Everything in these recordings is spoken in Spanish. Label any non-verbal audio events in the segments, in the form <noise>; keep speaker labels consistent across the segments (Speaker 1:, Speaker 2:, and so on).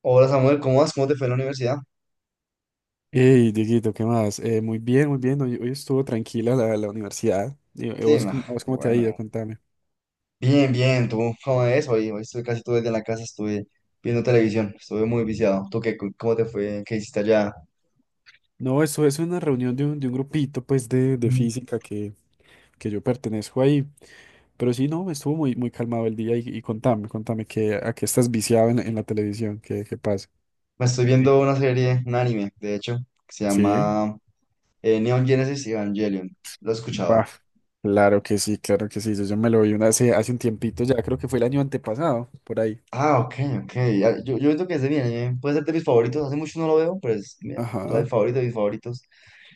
Speaker 1: Hola Samuel, ¿cómo vas? ¿Cómo te fue en la universidad?
Speaker 2: Hey, Dieguito, ¿qué más? Muy bien, muy bien. Hoy estuvo tranquila la universidad. ¿Y
Speaker 1: Sí,
Speaker 2: vos,
Speaker 1: ma,
Speaker 2: a vos
Speaker 1: qué
Speaker 2: cómo te ha ido?
Speaker 1: bueno.
Speaker 2: Contame.
Speaker 1: Bien, bien, ¿tú cómo es? Hoy estuve casi todo el día en la casa, estuve viendo televisión, estuve muy viciado. ¿Tú qué? ¿Cómo te fue? ¿Qué hiciste allá?
Speaker 2: No, eso es una reunión de de un grupito, pues, de física que yo pertenezco ahí. Pero sí, no, estuvo muy calmado el día. Y contame, contame, que, ¿a qué estás viciado en la televisión? ¿Qué pasa?
Speaker 1: Me estoy viendo
Speaker 2: <laughs>
Speaker 1: una serie, un anime, de hecho, que se
Speaker 2: Sí,
Speaker 1: llama Neon Genesis Evangelion. Lo has escuchado.
Speaker 2: bah, claro que sí, claro que sí. Yo me lo vi una, hace un tiempito ya, creo que fue el año antepasado, por ahí.
Speaker 1: Ah, ok, ok. Ah, yo creo que es de mi anime. Puede ser de mis favoritos. Hace mucho no lo veo, pero es mi, o sea, el
Speaker 2: Ajá,
Speaker 1: favorito de mis favoritos.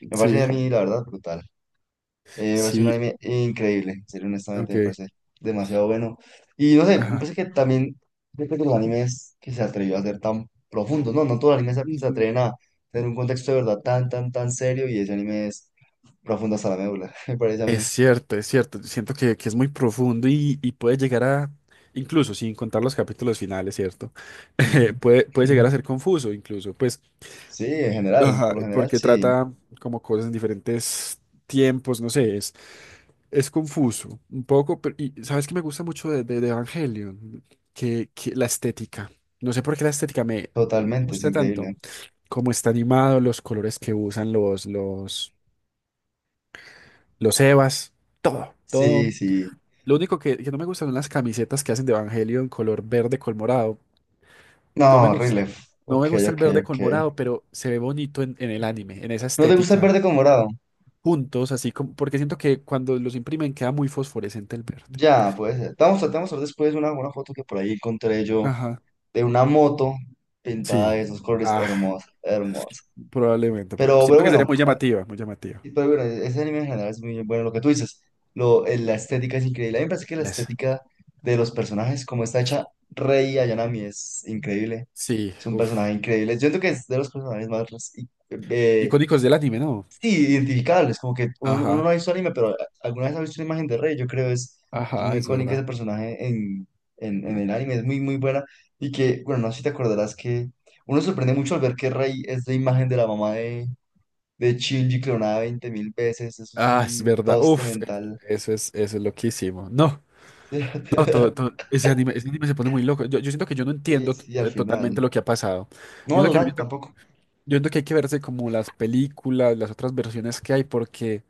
Speaker 1: Me parece
Speaker 2: sí,
Speaker 1: a mí, la verdad, brutal. Me parece un
Speaker 2: sí,
Speaker 1: anime increíble, en serio, honestamente,
Speaker 2: ok.
Speaker 1: me parece demasiado bueno. Y no sé, me
Speaker 2: Ajá.
Speaker 1: parece que también, siento que los animes que se atrevió a ser tan profundos, no todos los animes se atreven a tener un contexto de verdad tan, tan, tan serio y ese anime es profundo hasta la médula, <laughs> me parece a
Speaker 2: Es
Speaker 1: mí.
Speaker 2: cierto, es cierto. Siento que es muy profundo y puede llegar a, incluso sin contar los capítulos finales, ¿cierto? <laughs>
Speaker 1: Ujú.
Speaker 2: Puede llegar a
Speaker 1: <laughs>
Speaker 2: ser confuso, incluso, pues,
Speaker 1: Sí, en general,
Speaker 2: ajá,
Speaker 1: por lo general,
Speaker 2: porque
Speaker 1: sí,
Speaker 2: trata como cosas en diferentes tiempos, no sé, es confuso un poco, pero y sabes que me gusta mucho de Evangelion, que la estética. No sé por qué la estética me
Speaker 1: totalmente, es
Speaker 2: gusta tanto.
Speaker 1: increíble.
Speaker 2: Como está animado, los colores que usan los Evas, todo.
Speaker 1: Sí, sí.
Speaker 2: Lo único que no me gustan son las camisetas que hacen de Evangelio en color verde con morado.
Speaker 1: No,
Speaker 2: No me gustan.
Speaker 1: horrible.
Speaker 2: No
Speaker 1: Ok,
Speaker 2: me gusta el
Speaker 1: ok,
Speaker 2: verde
Speaker 1: ok.
Speaker 2: con morado, pero se ve bonito en el anime, en esa
Speaker 1: ¿No te gusta el
Speaker 2: estética,
Speaker 1: verde con morado?
Speaker 2: juntos, así como, porque siento que cuando los imprimen queda muy fosforescente el verde.
Speaker 1: Ya, puede ser. Te vamos, tratamos a ver después una, foto que por ahí encontré yo
Speaker 2: Ajá.
Speaker 1: de una moto pintada
Speaker 2: Sí.
Speaker 1: de esos colores
Speaker 2: Ah,
Speaker 1: hermosa, hermosa.
Speaker 2: probablemente.
Speaker 1: Pero
Speaker 2: Siento que sería
Speaker 1: bueno,
Speaker 2: muy llamativa, muy llamativa.
Speaker 1: pero bueno, ese anime en general es muy bueno. Lo que tú dices, la estética es increíble. A mí me parece que la
Speaker 2: Les.
Speaker 1: estética de los personajes, como está hecha Rei Ayanami, es increíble.
Speaker 2: Sí,
Speaker 1: Es un personaje
Speaker 2: uff.
Speaker 1: increíble. Yo creo que es de los personajes más eh,
Speaker 2: Icónicos del anime, ¿no?
Speaker 1: Sí, identificables, como que uno no
Speaker 2: Ajá,
Speaker 1: ha visto anime, pero alguna vez ha visto una imagen de Rey, yo creo es
Speaker 2: ajá,
Speaker 1: muy
Speaker 2: es
Speaker 1: icónica ese
Speaker 2: verdad.
Speaker 1: personaje en el anime, es muy, muy buena. Y que, bueno, no sé si te acordarás que uno se sorprende mucho al ver que Rey es la imagen de la mamá de Shinji clonada 20.000 veces, eso es
Speaker 2: Ah, es
Speaker 1: un
Speaker 2: verdad.
Speaker 1: toste
Speaker 2: Uf,
Speaker 1: mental.
Speaker 2: eso es loquísimo. No. No,
Speaker 1: <laughs>
Speaker 2: ese anime se pone muy loco. Yo siento que yo no
Speaker 1: Sí,
Speaker 2: entiendo
Speaker 1: sí, al
Speaker 2: totalmente
Speaker 1: final.
Speaker 2: lo que ha pasado.
Speaker 1: No,
Speaker 2: Yo siento
Speaker 1: no
Speaker 2: que,
Speaker 1: tanto tampoco.
Speaker 2: yo siento que hay que verse como las películas, las otras versiones que hay, porque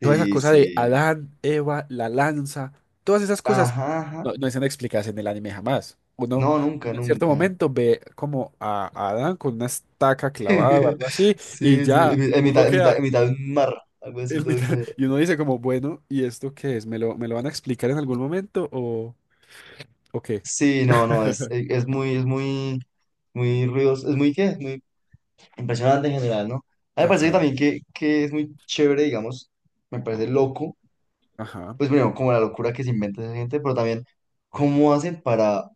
Speaker 2: toda esa cosa de
Speaker 1: sí.
Speaker 2: Adán, Eva, la lanza, todas esas cosas
Speaker 1: Ajá, ajá.
Speaker 2: no, no están explicadas en el anime jamás.
Speaker 1: No,
Speaker 2: Uno
Speaker 1: nunca,
Speaker 2: en cierto
Speaker 1: nunca.
Speaker 2: momento ve como a Adán con una estaca clavada o
Speaker 1: <laughs>
Speaker 2: algo así, y
Speaker 1: Sí, sí,
Speaker 2: ya,
Speaker 1: en
Speaker 2: uno
Speaker 1: mitad, en mitad,
Speaker 2: queda
Speaker 1: en mitad de un mar, algo así
Speaker 2: en
Speaker 1: todo
Speaker 2: mitad, <laughs>
Speaker 1: exagerado.
Speaker 2: y uno dice como, bueno, ¿y esto qué es? Me lo van a explicar en algún momento o qué?
Speaker 1: Sí, no, no, es, es muy, es muy, muy ruidoso, es muy, ¿qué? Es muy impresionante en general, ¿no? A mí me parece que
Speaker 2: Ajá.
Speaker 1: también que es muy chévere, digamos, me parece loco,
Speaker 2: Ajá,
Speaker 1: pues primero, como la locura que se inventa esa gente, pero también cómo hacen para,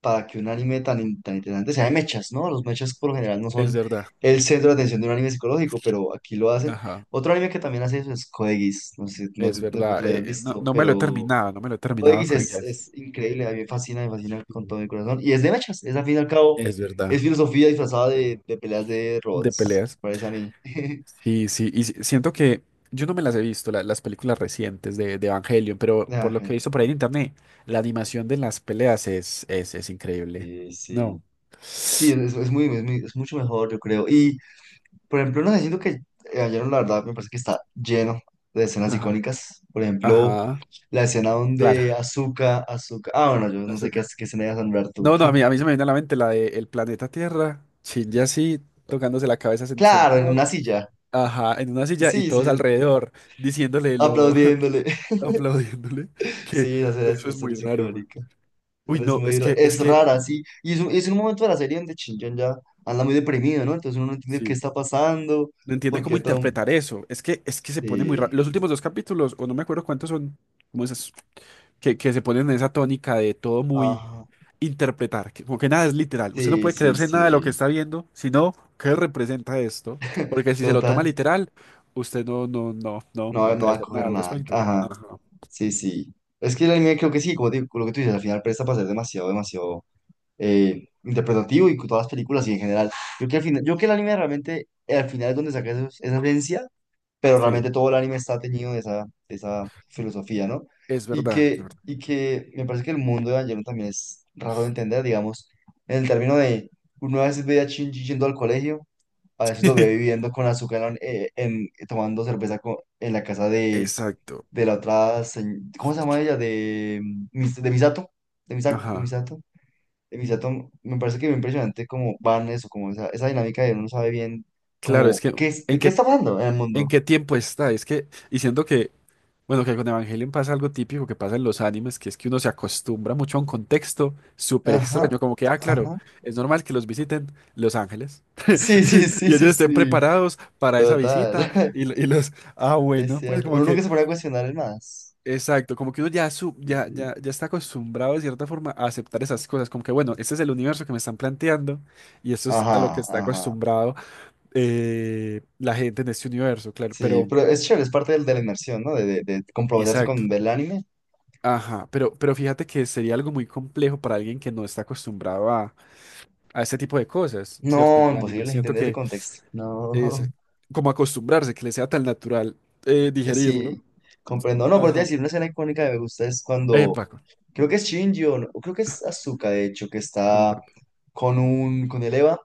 Speaker 1: para que un anime tan interesante sea de mechas, ¿no? Los mechas por lo general no son
Speaker 2: es verdad.
Speaker 1: el centro de atención de un anime psicológico, pero aquí lo hacen.
Speaker 2: Ajá,
Speaker 1: Otro anime que también hace eso es Code Geass, no sé, si, no,
Speaker 2: es
Speaker 1: no creo que tú
Speaker 2: verdad.
Speaker 1: lo hayas
Speaker 2: No,
Speaker 1: visto,
Speaker 2: no me lo he
Speaker 1: pero...
Speaker 2: terminado, no me lo he terminado
Speaker 1: ODX
Speaker 2: con
Speaker 1: es,
Speaker 2: ellas.
Speaker 1: es increíble, a mí me fascina con
Speaker 2: Sí.
Speaker 1: todo mi corazón. Y es de mechas, es al fin y al cabo,
Speaker 2: Es verdad.
Speaker 1: es filosofía disfrazada de peleas de
Speaker 2: De
Speaker 1: robots, me
Speaker 2: peleas.
Speaker 1: parece a mí. <laughs>
Speaker 2: Sí, sí, y siento que yo no me las he visto, las películas recientes de Evangelion, pero por
Speaker 1: Ah,
Speaker 2: lo que he visto por ahí en internet, la animación de las peleas es increíble.
Speaker 1: sí, sí.
Speaker 2: No.
Speaker 1: Sí, es mucho mejor, yo creo. Y, por ejemplo, no sé, siento que ayer, la verdad, me parece que está lleno de escenas
Speaker 2: Ajá,
Speaker 1: icónicas. Por ejemplo,
Speaker 2: ajá,
Speaker 1: la escena
Speaker 2: claro.
Speaker 1: donde Azuka, ah, bueno, yo no sé qué,
Speaker 2: Azúcar.
Speaker 1: qué escena ibas a nombrar tú.
Speaker 2: No, no, a mí se me viene a la mente la de El planeta Tierra, Shinji así, tocándose la cabeza
Speaker 1: Claro, en
Speaker 2: sentado.
Speaker 1: una silla.
Speaker 2: Ajá, en una silla y
Speaker 1: Sí,
Speaker 2: todos
Speaker 1: sí,
Speaker 2: alrededor diciéndole lo,
Speaker 1: aplaudiéndole.
Speaker 2: <laughs>
Speaker 1: <laughs>
Speaker 2: aplaudiéndole, que
Speaker 1: Sí,
Speaker 2: eso
Speaker 1: la
Speaker 2: es
Speaker 1: escena
Speaker 2: muy
Speaker 1: es
Speaker 2: raro, güey.
Speaker 1: icónica.
Speaker 2: Uy,
Speaker 1: Pero
Speaker 2: no,
Speaker 1: es rara, sí. Y es un momento de la serie donde Shinjan ya anda muy deprimido, ¿no? Entonces uno no entiende qué
Speaker 2: sí,
Speaker 1: está pasando,
Speaker 2: no entiende cómo
Speaker 1: porque todo...
Speaker 2: interpretar eso. Es que se pone muy raro.
Speaker 1: Sí,
Speaker 2: Los últimos dos capítulos, o no me acuerdo cuántos son, como esas, que se ponen en esa tónica de todo muy
Speaker 1: ajá,
Speaker 2: interpretar, que, como que nada es literal. Usted no
Speaker 1: sí,
Speaker 2: puede
Speaker 1: sí,
Speaker 2: creerse nada de lo que
Speaker 1: sí.
Speaker 2: está viendo, sino qué representa esto, porque si se lo toma
Speaker 1: Total,
Speaker 2: literal, usted
Speaker 1: no,
Speaker 2: no
Speaker 1: no
Speaker 2: puede
Speaker 1: va a
Speaker 2: hacer
Speaker 1: coger
Speaker 2: nada al
Speaker 1: nada.
Speaker 2: respecto.
Speaker 1: Ajá,
Speaker 2: Ajá,
Speaker 1: sí, sí. Es que el anime creo que sí, como te digo, lo que tú dices, al final presta para ser demasiado, demasiado interpretativo y con todas las películas y en general. Yo que al final, yo que el anime realmente, al final es donde saca esa esencia pero
Speaker 2: sí,
Speaker 1: realmente todo el anime está teñido de esa, filosofía, ¿no?
Speaker 2: es
Speaker 1: Y
Speaker 2: verdad, es
Speaker 1: que,
Speaker 2: verdad.
Speaker 1: y que me parece que el mundo de Evangelion también es raro de entender, digamos, en el término de uno a veces ve a Shinji yendo al colegio, a veces lo ve
Speaker 2: <laughs>
Speaker 1: viviendo con azúcar tomando cerveza en la casa de,
Speaker 2: Exacto.
Speaker 1: de la otra, ¿cómo se llama ella? De Misato, de Misato, de
Speaker 2: Ajá.
Speaker 1: Misato. De Misato, me parece que es impresionante cómo van eso, como esa dinámica de uno no sabe bien
Speaker 2: Claro,
Speaker 1: como
Speaker 2: es que
Speaker 1: qué, de
Speaker 2: ¿en
Speaker 1: qué está
Speaker 2: qué,
Speaker 1: hablando en el
Speaker 2: en
Speaker 1: mundo.
Speaker 2: qué tiempo está? Es que, y siento que, bueno, que con Evangelion pasa algo típico que pasa en los animes, que es que uno se acostumbra mucho a un contexto súper
Speaker 1: Ajá,
Speaker 2: extraño, como que, ah, claro,
Speaker 1: ajá.
Speaker 2: es normal que los visiten los ángeles
Speaker 1: Sí, sí,
Speaker 2: <laughs>
Speaker 1: sí,
Speaker 2: y ellos
Speaker 1: sí,
Speaker 2: estén
Speaker 1: sí.
Speaker 2: preparados para esa visita
Speaker 1: Total,
Speaker 2: y, y los, ah,
Speaker 1: <laughs> es
Speaker 2: bueno, pues
Speaker 1: cierto.
Speaker 2: como
Speaker 1: Uno nunca
Speaker 2: que,
Speaker 1: se pone a cuestionar el más.
Speaker 2: exacto, como que uno ya, su, ya está acostumbrado de cierta forma a aceptar esas cosas, como que, bueno, este es el universo que me están planteando y esto es a lo que
Speaker 1: Ajá,
Speaker 2: está
Speaker 1: ajá.
Speaker 2: acostumbrado. La gente en este universo, claro,
Speaker 1: Sí,
Speaker 2: pero,
Speaker 1: pero es chévere, es parte de la inmersión, ¿no? De comprometerse
Speaker 2: exacto.
Speaker 1: con ver el anime.
Speaker 2: Ajá, pero fíjate que sería algo muy complejo para alguien que no está acostumbrado a este tipo de cosas, ¿cierto? En
Speaker 1: No,
Speaker 2: el anime,
Speaker 1: imposible
Speaker 2: siento
Speaker 1: entender ese
Speaker 2: que
Speaker 1: contexto. No,
Speaker 2: es como acostumbrarse, que le sea tan natural
Speaker 1: sí,
Speaker 2: digerirlo.
Speaker 1: comprendo. No, pero te voy a
Speaker 2: Ajá.
Speaker 1: decir, una escena icónica que me gusta es cuando,
Speaker 2: Paco,
Speaker 1: creo que es Shinji o no- creo que es Asuka, de hecho, que está
Speaker 2: contame.
Speaker 1: con el Eva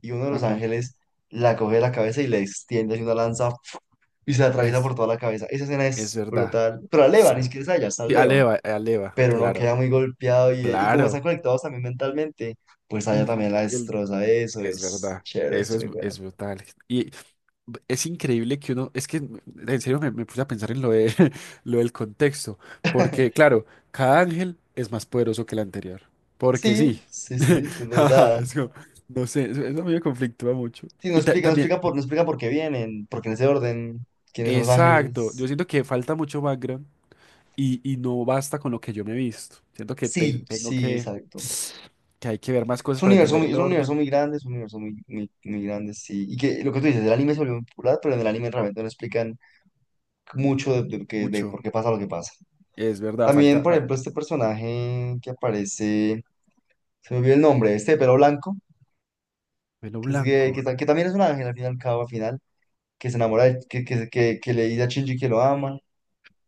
Speaker 1: y uno de los
Speaker 2: Ajá.
Speaker 1: ángeles la coge de la cabeza y le extiende así una lanza y se la atraviesa por
Speaker 2: Es,
Speaker 1: toda la cabeza. Esa escena
Speaker 2: es
Speaker 1: es
Speaker 2: verdad.
Speaker 1: brutal. Pero a Levan, ni siquiera es allá, está
Speaker 2: Sí,
Speaker 1: Levan.
Speaker 2: Aleva, Aleva,
Speaker 1: Pero uno
Speaker 2: claro,
Speaker 1: queda muy golpeado y, como están
Speaker 2: claro.
Speaker 1: conectados también mentalmente, pues allá también
Speaker 2: Ujú.
Speaker 1: la destroza. Eso
Speaker 2: Es
Speaker 1: es
Speaker 2: verdad,
Speaker 1: chévere, es muy
Speaker 2: es
Speaker 1: bueno.
Speaker 2: brutal. Y es increíble que uno, es que en serio me puse a pensar en lo de, <laughs> lo del contexto, porque claro, cada ángel es más poderoso que el anterior, porque
Speaker 1: Sí,
Speaker 2: sí,
Speaker 1: sí, sí,
Speaker 2: <laughs>
Speaker 1: es
Speaker 2: ajá,
Speaker 1: verdad.
Speaker 2: es como, no sé, eso a mí me conflictúa mucho.
Speaker 1: Sí,
Speaker 2: Y también,
Speaker 1: no explica por qué vienen, porque en ese orden, quiénes son los
Speaker 2: exacto, yo
Speaker 1: ángeles.
Speaker 2: siento que falta mucho background y no basta con lo que yo me he visto, siento que
Speaker 1: Sí,
Speaker 2: tengo
Speaker 1: sí, exacto.
Speaker 2: que hay que ver más
Speaker 1: Es
Speaker 2: cosas
Speaker 1: un
Speaker 2: para
Speaker 1: universo
Speaker 2: entender
Speaker 1: muy,
Speaker 2: el orden,
Speaker 1: grande, es un universo muy, muy, muy grande, sí. Y que lo que tú dices, el anime se volvió muy popular, pero en el anime realmente no explican mucho de
Speaker 2: mucho,
Speaker 1: por qué pasa lo que pasa.
Speaker 2: es verdad,
Speaker 1: También,
Speaker 2: falta,
Speaker 1: por
Speaker 2: fal-
Speaker 1: ejemplo, este personaje que aparece, se me olvidó el nombre, este de pelo blanco,
Speaker 2: pelo
Speaker 1: que, es gay, que,
Speaker 2: blanco.
Speaker 1: ta- que también es un ángel al fin y al cabo, al final, que se enamora, que le dice a Shinji que lo ama.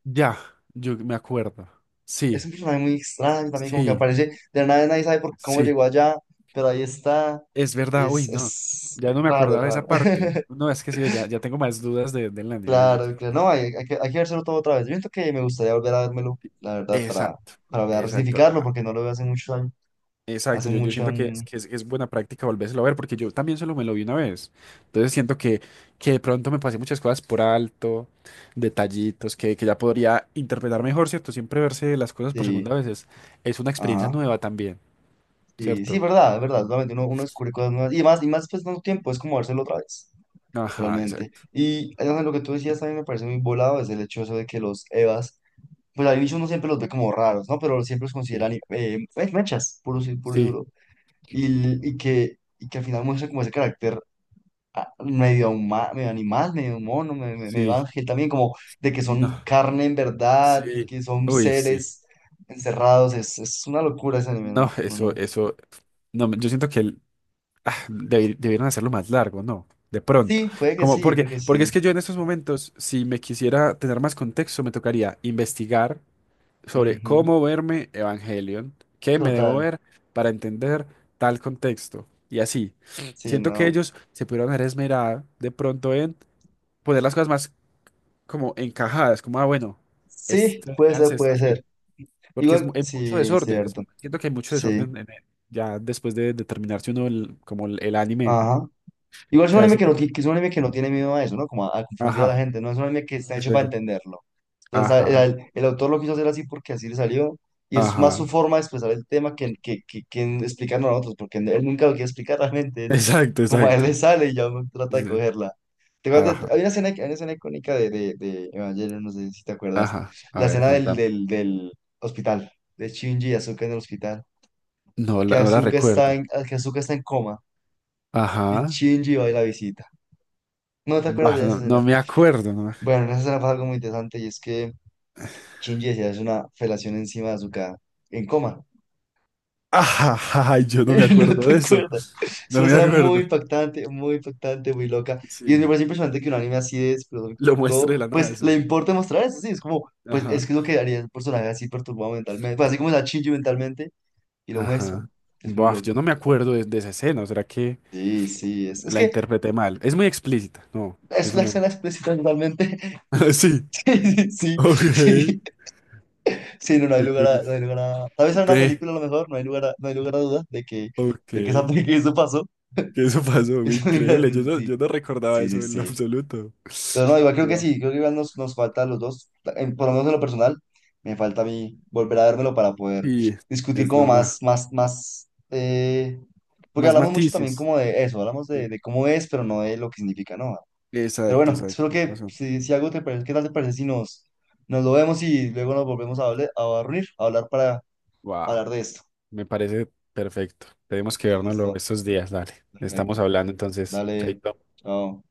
Speaker 2: Ya, yo me acuerdo.
Speaker 1: Es un
Speaker 2: Sí,
Speaker 1: personaje muy extraño también, como que
Speaker 2: sí,
Speaker 1: aparece de la nada, nadie sabe por cómo
Speaker 2: sí,
Speaker 1: llegó allá, pero ahí está.
Speaker 2: es verdad. Uy,
Speaker 1: Es,
Speaker 2: no,
Speaker 1: es
Speaker 2: ya no me
Speaker 1: raro, es
Speaker 2: acordaba de
Speaker 1: raro.
Speaker 2: esa parte.
Speaker 1: <laughs>
Speaker 2: No, es que sí, ya tengo más dudas de, del anime.
Speaker 1: Claro, claro, no, hay que vérselo todo otra vez. Yo siento que me gustaría volver a vérmelo, la verdad, para,
Speaker 2: Exacto,
Speaker 1: para
Speaker 2: exacto,
Speaker 1: resignificarlo, porque no lo veo hace muchos años
Speaker 2: exacto.
Speaker 1: hace
Speaker 2: Yo
Speaker 1: mucho,
Speaker 2: siento es buena práctica volvérselo a ver porque yo también solo me lo vi una vez. Entonces siento que de pronto me pasé muchas cosas por alto, detallitos que ya podría interpretar mejor, ¿cierto? Siempre verse las cosas por segunda
Speaker 1: sí,
Speaker 2: vez es una experiencia
Speaker 1: ajá.
Speaker 2: nueva también,
Speaker 1: Sí, sí,
Speaker 2: ¿cierto?
Speaker 1: verdad, es verdad, realmente uno, descubre cosas nuevas y más pues tanto tiempo es como dárselo otra vez,
Speaker 2: Ajá,
Speaker 1: realmente.
Speaker 2: exacto.
Speaker 1: Y además, lo que tú decías también me parece muy volado, es el hecho eso de que los EVAs, pues al inicio uno siempre los ve como raros, ¿no? Pero siempre los
Speaker 2: Sí.
Speaker 1: consideran mechas, puro y
Speaker 2: Sí.
Speaker 1: duro. Y que al final muestra como ese carácter medio animal, medio mono, medio
Speaker 2: Sí,
Speaker 1: ángel también, como de que
Speaker 2: no,
Speaker 1: son carne en verdad y
Speaker 2: sí,
Speaker 1: que son
Speaker 2: uy, sí,
Speaker 1: seres encerrados, es una locura ese anime,
Speaker 2: no,
Speaker 1: ¿no? No, no.
Speaker 2: eso, no, yo siento que debieron hacerlo más largo, ¿no? De pronto,
Speaker 1: Sí, puede que
Speaker 2: como,
Speaker 1: sí, puede que
Speaker 2: porque
Speaker 1: sí.
Speaker 2: es que yo en estos momentos, si me quisiera tener más contexto, me tocaría investigar sobre
Speaker 1: Ujú,
Speaker 2: cómo verme Evangelion, qué me debo
Speaker 1: total,
Speaker 2: ver para entender tal contexto, y así.
Speaker 1: sí,
Speaker 2: Siento que
Speaker 1: no.
Speaker 2: ellos se pudieron haber esmerado de pronto en poner las cosas más como encajadas, como, ah, bueno,
Speaker 1: Sí,
Speaker 2: este,
Speaker 1: puede
Speaker 2: véanse
Speaker 1: ser,
Speaker 2: esto
Speaker 1: puede
Speaker 2: así.
Speaker 1: ser.
Speaker 2: Porque es,
Speaker 1: Igual,
Speaker 2: hay mucho
Speaker 1: sí,
Speaker 2: desorden,
Speaker 1: cierto,
Speaker 2: siento que hay mucho
Speaker 1: sí,
Speaker 2: desorden en ya después de terminarse uno como el anime
Speaker 1: ajá. Igual es un anime que, no,
Speaker 2: clásico.
Speaker 1: ti- que es un anime que no tiene miedo a eso, ¿no? Como a confundir a la
Speaker 2: Ajá,
Speaker 1: gente, ¿no? Es un anime que está
Speaker 2: es
Speaker 1: hecho
Speaker 2: de
Speaker 1: para
Speaker 2: que-
Speaker 1: entenderlo. O sea,
Speaker 2: ajá,
Speaker 1: el autor lo quiso hacer así porque así le salió. Y es
Speaker 2: ajá,
Speaker 1: más su forma de expresar el tema que en explicarnos a nosotros, porque él nunca lo quiere explicar realmente.
Speaker 2: <laughs>
Speaker 1: Es
Speaker 2: exacto,
Speaker 1: como a él le
Speaker 2: exacto.
Speaker 1: sale y ya uno trata de
Speaker 2: Sí,
Speaker 1: cogerla. ¿Te acuerdas
Speaker 2: ajá,
Speaker 1: hay una escena, icónica de Evangelion, no sé si te acuerdas.
Speaker 2: ajá, a
Speaker 1: La
Speaker 2: ver,
Speaker 1: escena del,
Speaker 2: contame.
Speaker 1: del, del hospital, de Shinji y Asuka en el hospital.
Speaker 2: No la, no la recuerdo.
Speaker 1: Que Asuka está en coma y
Speaker 2: Ajá,
Speaker 1: Shinji va y la visita. ¿No te acuerdas
Speaker 2: bah,
Speaker 1: de esa
Speaker 2: no,
Speaker 1: escena?
Speaker 2: no me acuerdo. No. <laughs> me- ac-
Speaker 1: Bueno, en esa escena pasa algo muy interesante y es que Shinji decía, es una felación encima de Azuka en coma. <laughs>
Speaker 2: Ajá, ajá, yo no me
Speaker 1: No
Speaker 2: acuerdo
Speaker 1: te
Speaker 2: de eso,
Speaker 1: acuerdas. Es
Speaker 2: no
Speaker 1: una
Speaker 2: me
Speaker 1: escena muy
Speaker 2: acuerdo.
Speaker 1: impactante, muy impactante, muy loca. Y me
Speaker 2: Sí,
Speaker 1: parece impresionante que un anime así de desprolijo
Speaker 2: lo muestro de
Speaker 1: todo,
Speaker 2: la nada
Speaker 1: pues le
Speaker 2: eso.
Speaker 1: importa mostrar eso, sí. Es como, pues es
Speaker 2: Ajá,
Speaker 1: que es lo que haría el personaje así perturbado mentalmente. Pues así como está Shinji mentalmente, y lo muestran.
Speaker 2: ajá.
Speaker 1: Es muy
Speaker 2: Buah, yo
Speaker 1: loco.
Speaker 2: no me acuerdo de esa escena, ¿será que...?
Speaker 1: Sí, sí, es
Speaker 2: La
Speaker 1: que
Speaker 2: interpreté mal. Es muy explícita. No,
Speaker 1: es
Speaker 2: eso
Speaker 1: la
Speaker 2: no.
Speaker 1: escena explícita totalmente. <laughs>
Speaker 2: <laughs> Ah, sí.
Speaker 1: Sí, sí, sí,
Speaker 2: Ok.
Speaker 1: sí, sí, no,
Speaker 2: Qué curioso.
Speaker 1: tal vez en una
Speaker 2: Ve.
Speaker 1: película a lo mejor, no hay lugar a duda
Speaker 2: Ok.
Speaker 1: <laughs> que eso pasó.
Speaker 2: ¿Qué eso pasó?
Speaker 1: <laughs> Es muy
Speaker 2: Increíble.
Speaker 1: gracioso, sí.
Speaker 2: Yo no recordaba
Speaker 1: Sí, sí,
Speaker 2: eso en lo
Speaker 1: sí.
Speaker 2: absoluto.
Speaker 1: Pero no, igual creo que
Speaker 2: Wow.
Speaker 1: sí, creo que igual nos, nos falta a los dos, en- por lo menos en lo personal, me falta a mí volver a vérmelo para poder
Speaker 2: Sí,
Speaker 1: discutir
Speaker 2: es
Speaker 1: como
Speaker 2: verdad.
Speaker 1: más, más, más, porque
Speaker 2: Más
Speaker 1: hablamos mucho también
Speaker 2: matices.
Speaker 1: como de eso, hablamos
Speaker 2: Sí.
Speaker 1: de cómo es, pero no de lo que significa, ¿no? Pero
Speaker 2: Exacto,
Speaker 1: bueno,
Speaker 2: exacto.
Speaker 1: espero
Speaker 2: Tienes
Speaker 1: que
Speaker 2: razón.
Speaker 1: si, si algo te parece, ¿qué tal te parece si nos, nos lo vemos y luego nos volvemos a, hable- a reunir, a hablar para
Speaker 2: Wow.
Speaker 1: hablar de esto?
Speaker 2: Me parece perfecto. Tenemos que
Speaker 1: Listo,
Speaker 2: vernoslo
Speaker 1: listo,
Speaker 2: estos días, dale.
Speaker 1: perfecto.
Speaker 2: Estamos hablando entonces.
Speaker 1: Dale,
Speaker 2: Chaito.
Speaker 1: chao.